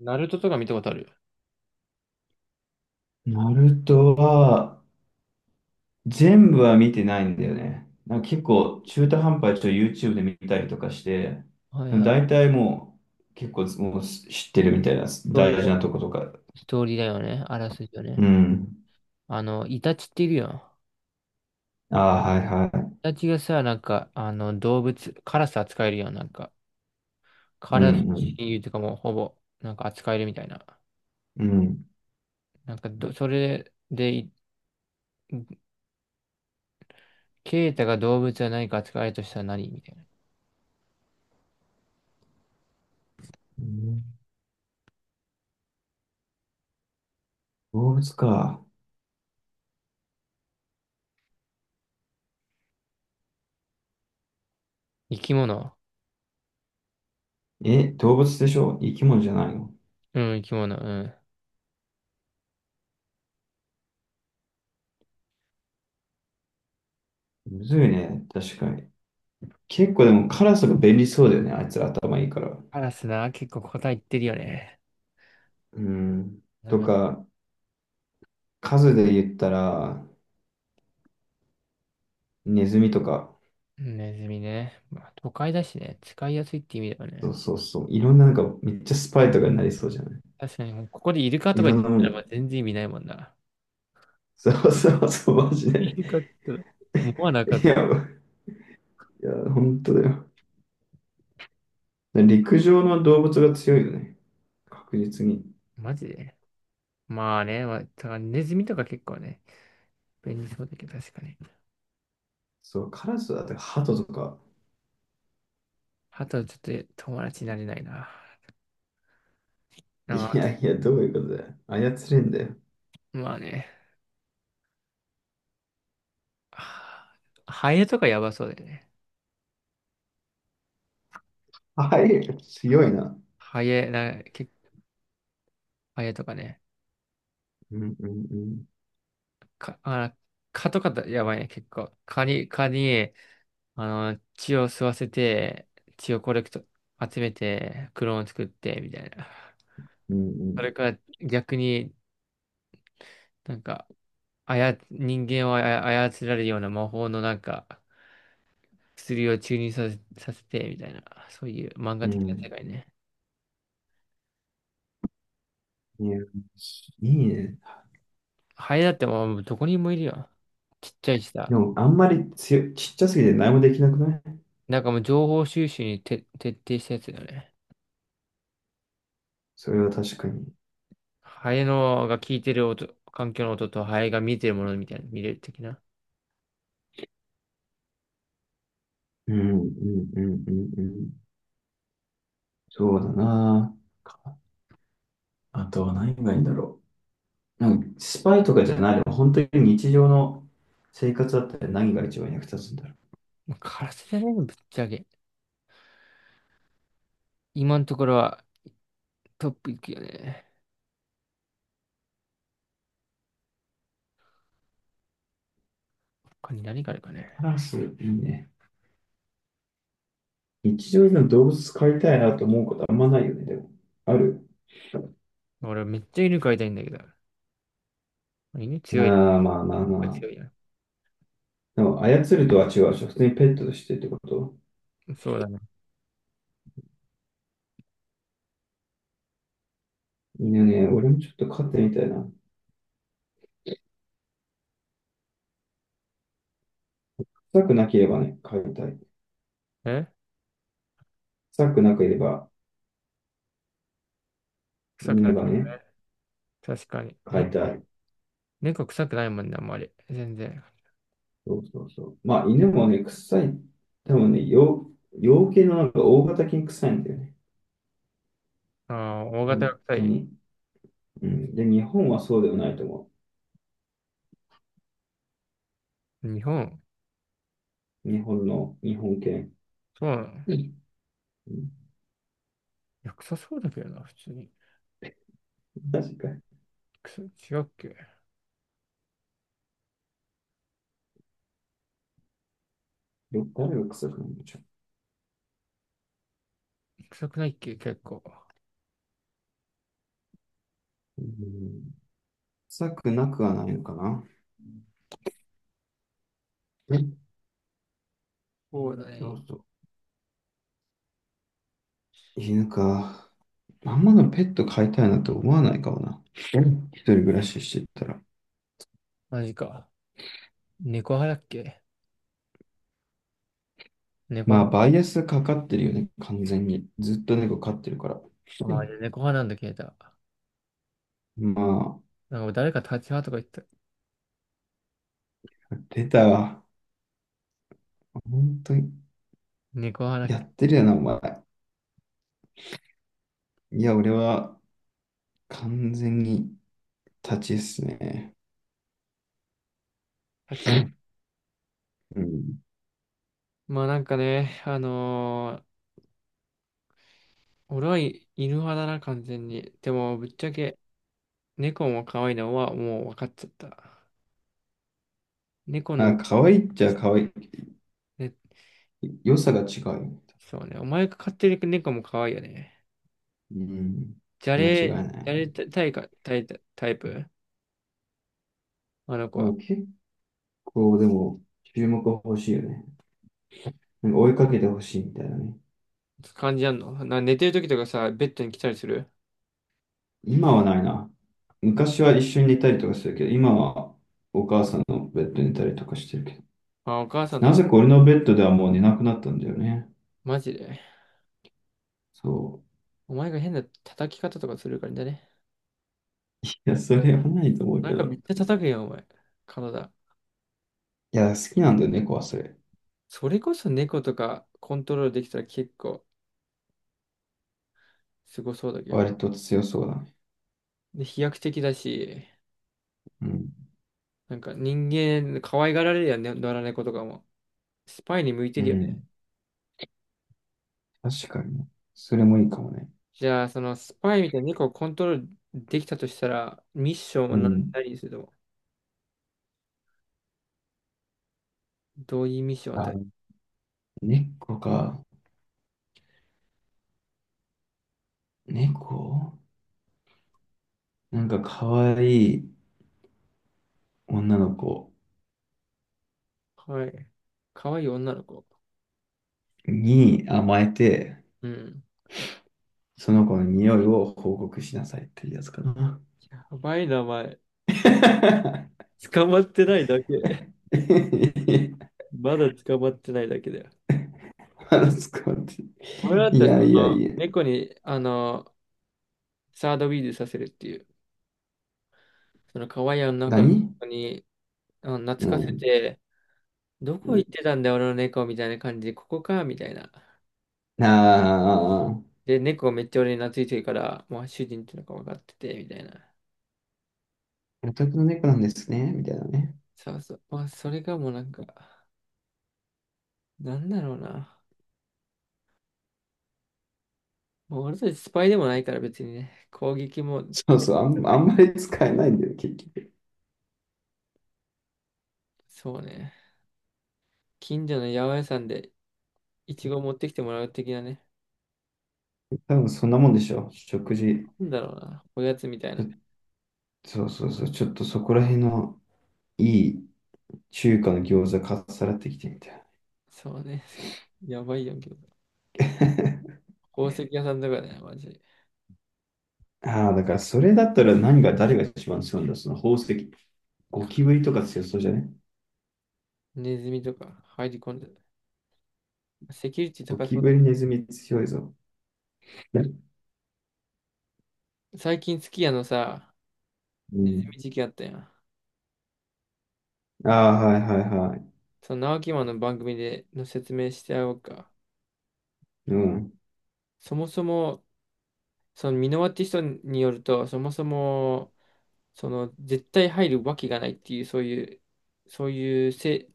ナルトとか見たことある？ナルトは、全部は見てないんだよね。結構中途半端にちょっと YouTube で見たりとかして、はいはい。大体もう結構もう知ってるみたいなトーリ大ー事なも、とことか。ストーリーだよね。あらすじよね。うん。イタチっているよ。ああ、はいはい。イタチがさ、なんか、動物、カラス扱えるよ。なんか、カうラスんうん。親友とかもほぼ、なんか扱えるみたいな。うん。なんかど、それで、ケイタが動物は何か扱えるとしたら何みたいな。うん、動物か。生き物。え、動物でしょ、生き物じゃないの？うん、生き物。うん。むずいね。確かに。結構でもカラスが便利そうだよね。あいつら頭いいから。カラスな、結構答え言ってるよね。うん。なんとか、か、数で言ったら、ネズミとか。ネズミね。まあ、都会だしね。使いやすいって意味だよそね。うそうそう。いろんなめっちゃスパイとかになりそうじゃない？確かに、もうここでイルカといかろ言っんてなもたらの。まあ全然意味ないもんな。そうそうそう、マジイで。ルカって言ったらもうなかっ いや、た。いや、本当だよ。陸上の動物が強いよね。確実に。マジで。まあね、まあ、だからネズミとか結構ね、便利そうだけど確かに。そう、カラスだってハトとか。あとはちょっと友達になれないな。なんいかやいや、どういうことだよ。操れんだよ。まあね、はハエとかやばそうだよね。はい、強いな。ハエ、な、結構ハエとかね。うんうんうん。か、あ、蚊とかだやばいね、結構。蚊に、血を吸わせて、血をコレクト、集めて、クローン作って、みたいな。うそんれから逆になんか、人間を操られるような魔法のなんか、薬を注入させ、させて、みたいな、そういう漫う画的な世ん。界ね。うん。いや、いいね。ハエだってもうどこにもいるよ。ちっちゃいしさ。でも、あんまり強い、ちっちゃすぎて何もできなくない？なんかもう情報収集にて徹底したやつだよね。それは確かに。ハエのが聞いてる音、環境の音とハエが見てるものみたいな、見れる的な。うんうんうんうんうん。そうだな。あとは何がいいんだろう。スパイとかじゃないでも本当に日常の生活だったら何が一番役立つんだろう。もうカラスじゃないの、ぶっちゃけ。今のところはトップいくよね。他に何があるかカね。ラス、いいね。日常でも動物飼いたいなと思うことあんまないよね、でも。ある、俺めっちゃ犬飼いたいんだけど。犬あ強いね。あー、まあまあまあ。強いやん。でも、操るとは違うでしょ。普通にペットとしてってこと？そうだね。犬ね、俺もちょっと飼ってみたいな。臭くなければね、飼いたい。え臭くなければ、臭くない犬かがもね、ね。確かに。飼いたい。猫臭くないもんね、あんまり。全然。そうそうそう。まあ、犬もね、臭い。多分ね、洋、養系の大型犬臭いんだよね。ああ、大型本が臭当い。に。うん。で、日本はそうではないと思日本、う。日本の、日本犬。そうなの。いうん、や、臭そうだけどな、普通に。確かに。臭い、違うっけ？よ、誰が臭くないの？ちょ、臭くないっけ結構？うん、臭くなくはないのかな。え、そうだそね。うそう。犬か。あんまのペット飼いたいなと思わないかもな。うん、一人暮らししてたら。マジか。猫派だっけ？猫ま派。あ、バイアスかかってるよね、完全に。ずっと猫飼ってるから。うああ、猫派なんだ、消えた。ん、まあ、なんか誰か立ち派とか言ってた。出たわ。本当に、猫派だっやけ？ってるよな、お前。いや、俺は完全に立ちっすね。立ち。うん。まあなんかね、俺は犬派だな、完全に。でも、ぶっちゃけ、猫も可愛いのはもう分かっちゃった。猫のあ、可愛いっちでしゃた。可愛ね、い。良さが違う。そうね。お前が飼ってる猫も可愛いよね。うん。間違いなじゃれい。タイか、タイプあの子あ、は。結構、でも、注目は欲しいよね。追いかけて欲しいみたいなね。感じあんのな、寝てる時とかさ、ベッドに来たりする？今はないな。昔は一緒に寝たりとかするけど、今はお母さんのベッドに寝たりとかしてるけど。あ、お母さんとな一緒。ぜか俺のベッドではもう寝なくなったんだよね。マジで。そう。お前が変な叩き方とかするからね。いや、それはないと思うなけんかめど。っちゃ叩くやん、お前。体。いや、好きなんだよね、猫はそれ。それこそ猫とかコントロールできたら結構すごそうだけどね。割と強そうだね。で、飛躍的だし、うん。なんか人間可愛がられるやんね、野良猫とかも。スパイに向いてうるよね。ん。確かにね、それもいいかもね。じゃあ、そのスパイみたいな猫をコントロールできたとしたら、ミッションはう何、ん。何にするの？どういうミッションを与え？あ、猫か。猫、可愛い女の子はい。可愛い女の子。に甘えて、うん。その子の匂いを報告しなさいっていうやつかな。やばい名前。捕まってないだけ。まだ捕まってないだけだよ。話すかって。俺だっいたらその、やいやいや。猫に、サードウィーズさせるっていう、その可愛い女の子何？に、懐うかせん。て、どこ行ってたんだよ、俺の猫みたいな感じで、ここか、みたいな。ああ。で、猫めっちゃ俺に懐いてるから、もう主人っていうのが分かってて、みたいな。お宅の猫なんですね、みたいなね。そうそう。まあ、それがもうなんか、なんだろうな。もう俺たちスパイでもないから別にね、攻撃も、そうそう、あんまり使えないんだよ、結局。そうね。近所の八百屋さんでイチゴ持ってきてもらう的なね。多分そんなもんでしょ、食事。なんだろうな。おやつみたいちな。ょ、そうそうそう、ちょっとそこら辺のいい中華の餃子かっさらってきてみたいそうね。やばいやんけど。な。宝石屋さんとかね、マジで。ああ、だからそれだったら何が、誰が一番強いんだ、その宝石。ゴキブリとか強そうじゃね？ネズミとか入り込んでる。セキュリティゴ高キそうだブリ、けネズミ強いぞ。ね、ど。最近、すき家のさ、うネズん。ミ事件あったやん。ああ、はいはいはい。その、直木マンの番組での説明してやろうか。うん、そもそも、そのミノアーティストによると、そもそも、その絶対入るわけがないっていう、そういう、そういうせ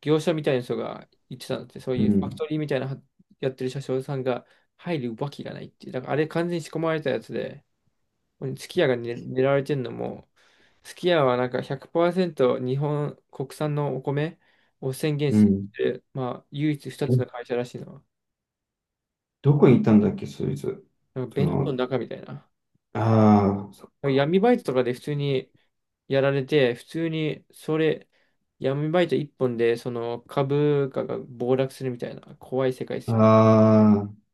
業者みたいな人が言ってたのって、そうういうファクトん、リーみたいなはやってる車掌さんが入るわけがないっていう、だからあれ完全に仕込まれたやつで、すき家が、ね、狙われてるのも、すき家はなんか100%日本国産のお米を宣言うしん。てる、まあ唯一2つの会社らしいのは、どこにいたんだっけ、そいつ。なんかそ弁当のの、中みたいな。ああ、そっか。闇バイトとかで普通にやられて、普通にそれ、闇バイト一本でその株価が暴落するみたいな怖い世界であすよね。あ、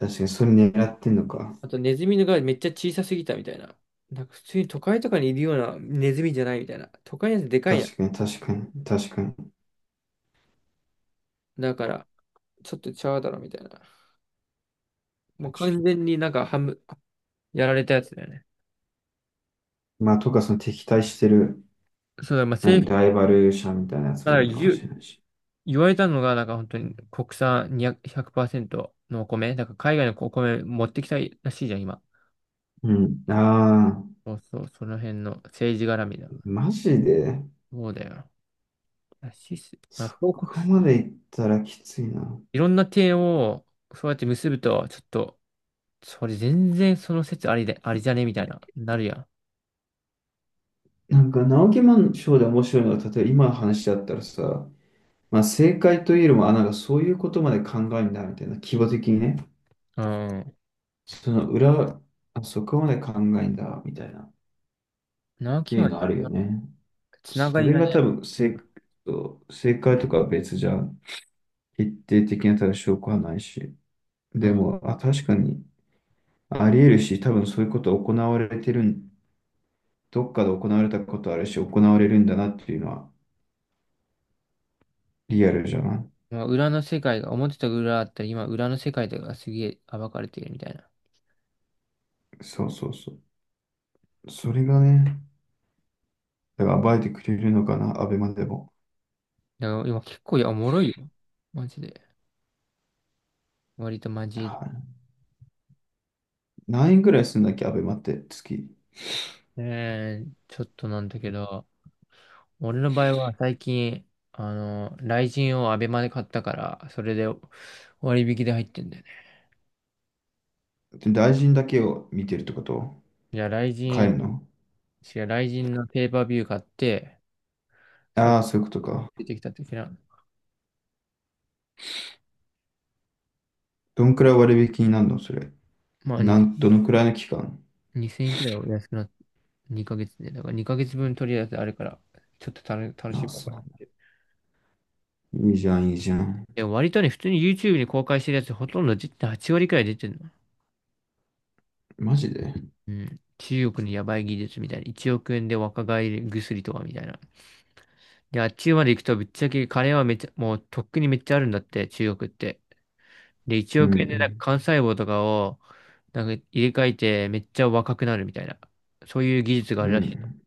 確かに、それ狙ってんのか。あとネズミのがめっちゃ小さすぎたみたいな。なんか普通に都会とかにいるようなネズミじゃないみたいな。都会のやつでかいやん。確かに、確かに、確かに、確かだからちょっとちゃうだろみたいな。もう完に。全になんか半分やられたやつだよね。まあ、とか、その敵対してる、そうだ、まあ、何、政府ライバル者みたいなやつかもいらるかもしれないし。言われたのがなんか本当に国産200セントのお米。だから海外のお米持ってきたいらしいじゃん、今。うん。ああ、そうそう、その辺の政治絡みだ。マジで、そうだよ。ナシス、まあ、そこうこまでいったらきついな。いろんな点をそうやって結ぶと、ちょっと、それ全然その説ありで、ありじゃねみたいな、なるやん。直木マンショーで面白いのは、例えば今の話だったらさ、まあ、正解というよりも、あ、そういうことまで考えんだ、みたいな、規模的にね。うん。その裏、あ、そこまで考えんだ、みたいな、っ直て樹いはういのあろるんよなね。つながそりれがね、が多分うん。正、正解とかは別じゃん。決定的な多分証拠はないし。うでん。も、あ、確かにあり得るし、多分そういうこと行われてるん、どっかで行われたことあるし、行われるんだなっていうのはリアルじゃない。まあ、裏の世界が、表と裏あったり、今裏の世界とかがすげえ暴かれているみたいな。そうそうそう。それがね、だから暴いてくれるのかな、アベマでも。だから今結構いや、おもろいよ。マジで。割とマはジで。い、何円ぐらいするんだっけ、アベマって月。ねえ、ちょっとなんだけど。俺の場合は最近、雷神をアベマで買ったから、それで割引で入ってんだよね。で大臣だけを見てるってこと？じゃあ買えるの？雷神のペーパービュー買って、それああー、そういうことか。ついてきた時な、どんくらい割引になるのそれ。まあなにん、どのくらいの期間？2000円くらいお安くなって、2ヶ月で、だから2ヶ月分とりあえずあるから、ちょっと楽しあ、もうそかなって。う。いいじゃん、いいじゃん。でも割とね、普通に YouTube に公開してるやつほとんど8割くらい出てるの。マジで？うん。中国のヤバい技術みたいな。1億円で若返り薬とかみたいな。で、あっちまで行くと、ぶっちゃけ金はめちゃ、もうとっくにめっちゃあるんだって、中国って。で、1うん、億う円でなんん、か幹細胞とかを、なんか入れ替えてめっちゃ若くなるみたいな。そういう技術があうるらしい。ん、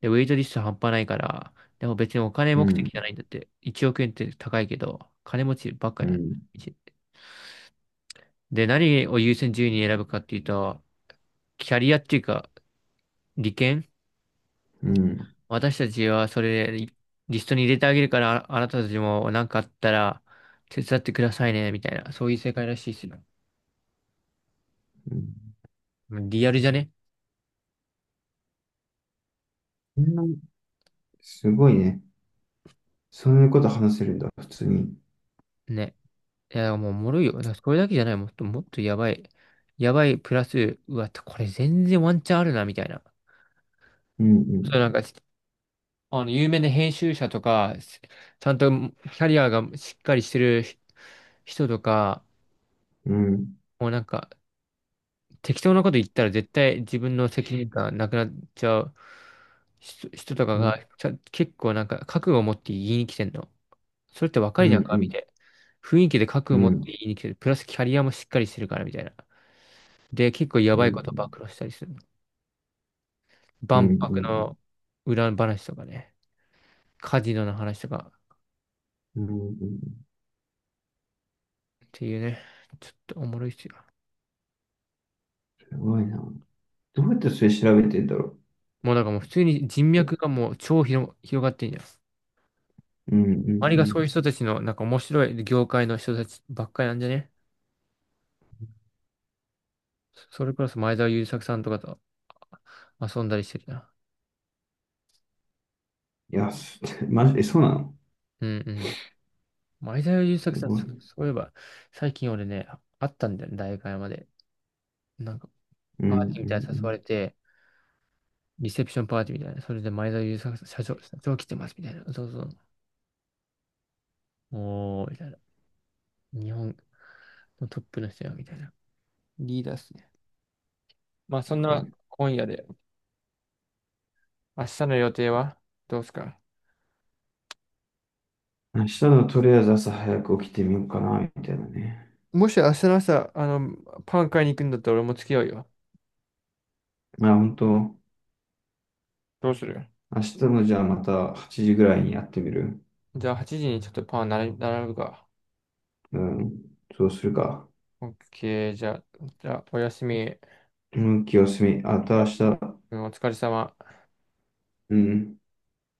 で、ウェイトリスト半端ないから、でも別にお金う目ん、的じゃないんだって。1億円って高いけど、金持ちばっかやん。いちで、何を優先順位に選ぶかっていうと、キャリアっていうか、利権。うん、私たちはそれリストに入れてあげるから、ああなたたちも何かあったら手伝ってくださいね、みたいな。そういう世界らしいですよ。うん。リアルじゃね？そんな、すごいね。そういうこと話せるんだ、普通に。ね。いや、もうおもろいよ。だからこれだけじゃない。もっともっとやばい。やばいプラス、うわ、これ全然ワンチャンあるな、みたいな。うん、うそう、ん、なんか、有名な編集者とか、ちゃんとキャリアがしっかりしてる人とか、うん、もうなんか、適当なこと言ったら絶対自分の責任感なくなっちゃう人とかうがん、結構なんか覚悟を持って言いに来てんの。それって若ういじん、ゃんか、うみん、たいな。雰囲気で覚う悟を持ってん、言いに来てる。プラスキャリアもしっかりしてるから、みたいな。で、結構やうん、ばいうこと暴ん、露したりするの。うん、う万博ん、の裏話とかね。カジノの話とかうん、っていうね。ちょっとおもろいっすよ。すごいな。どうやってそれ調べてんだろもうなんかもう普通に人う。う脈ん、がもう広がってんじゃん。うん、う周りがそういうん。人たちのなんか面白い業界の人たちばっかりなんじゃね？それプラス前澤友作さんとかと遊んだりしてるな。いや、す マジで、え、そうなの？うんうん。前澤友す作さん、ごい。うん、そういえば、最近俺ね、会ったんだよね、大会山で。なんか、うん、うパーティーみたいなの誘わん。れて、リセプションパーティーみたいな。それで前澤友作さん、社長来てます、みたいな。そうそう。おー、みたいな。日本のトップの人よ、みたいな。リーダーっすね。まあ、そすんごない。今夜で、明日の予定はどうすか？明日のとりあえず朝早く起きてみようかな、みたいなね。もし明日の朝、パン買いに行くんだったら俺も付き合うよ。まあ本当、どうする？明日のじゃあまた8時ぐらいにやってみる。じゃあ8時にちょっとパン並び並ぶか。うん、そうするか。OK、じゃあおやすみ。向きを進み、あと明日、うん。お疲れ様。うん。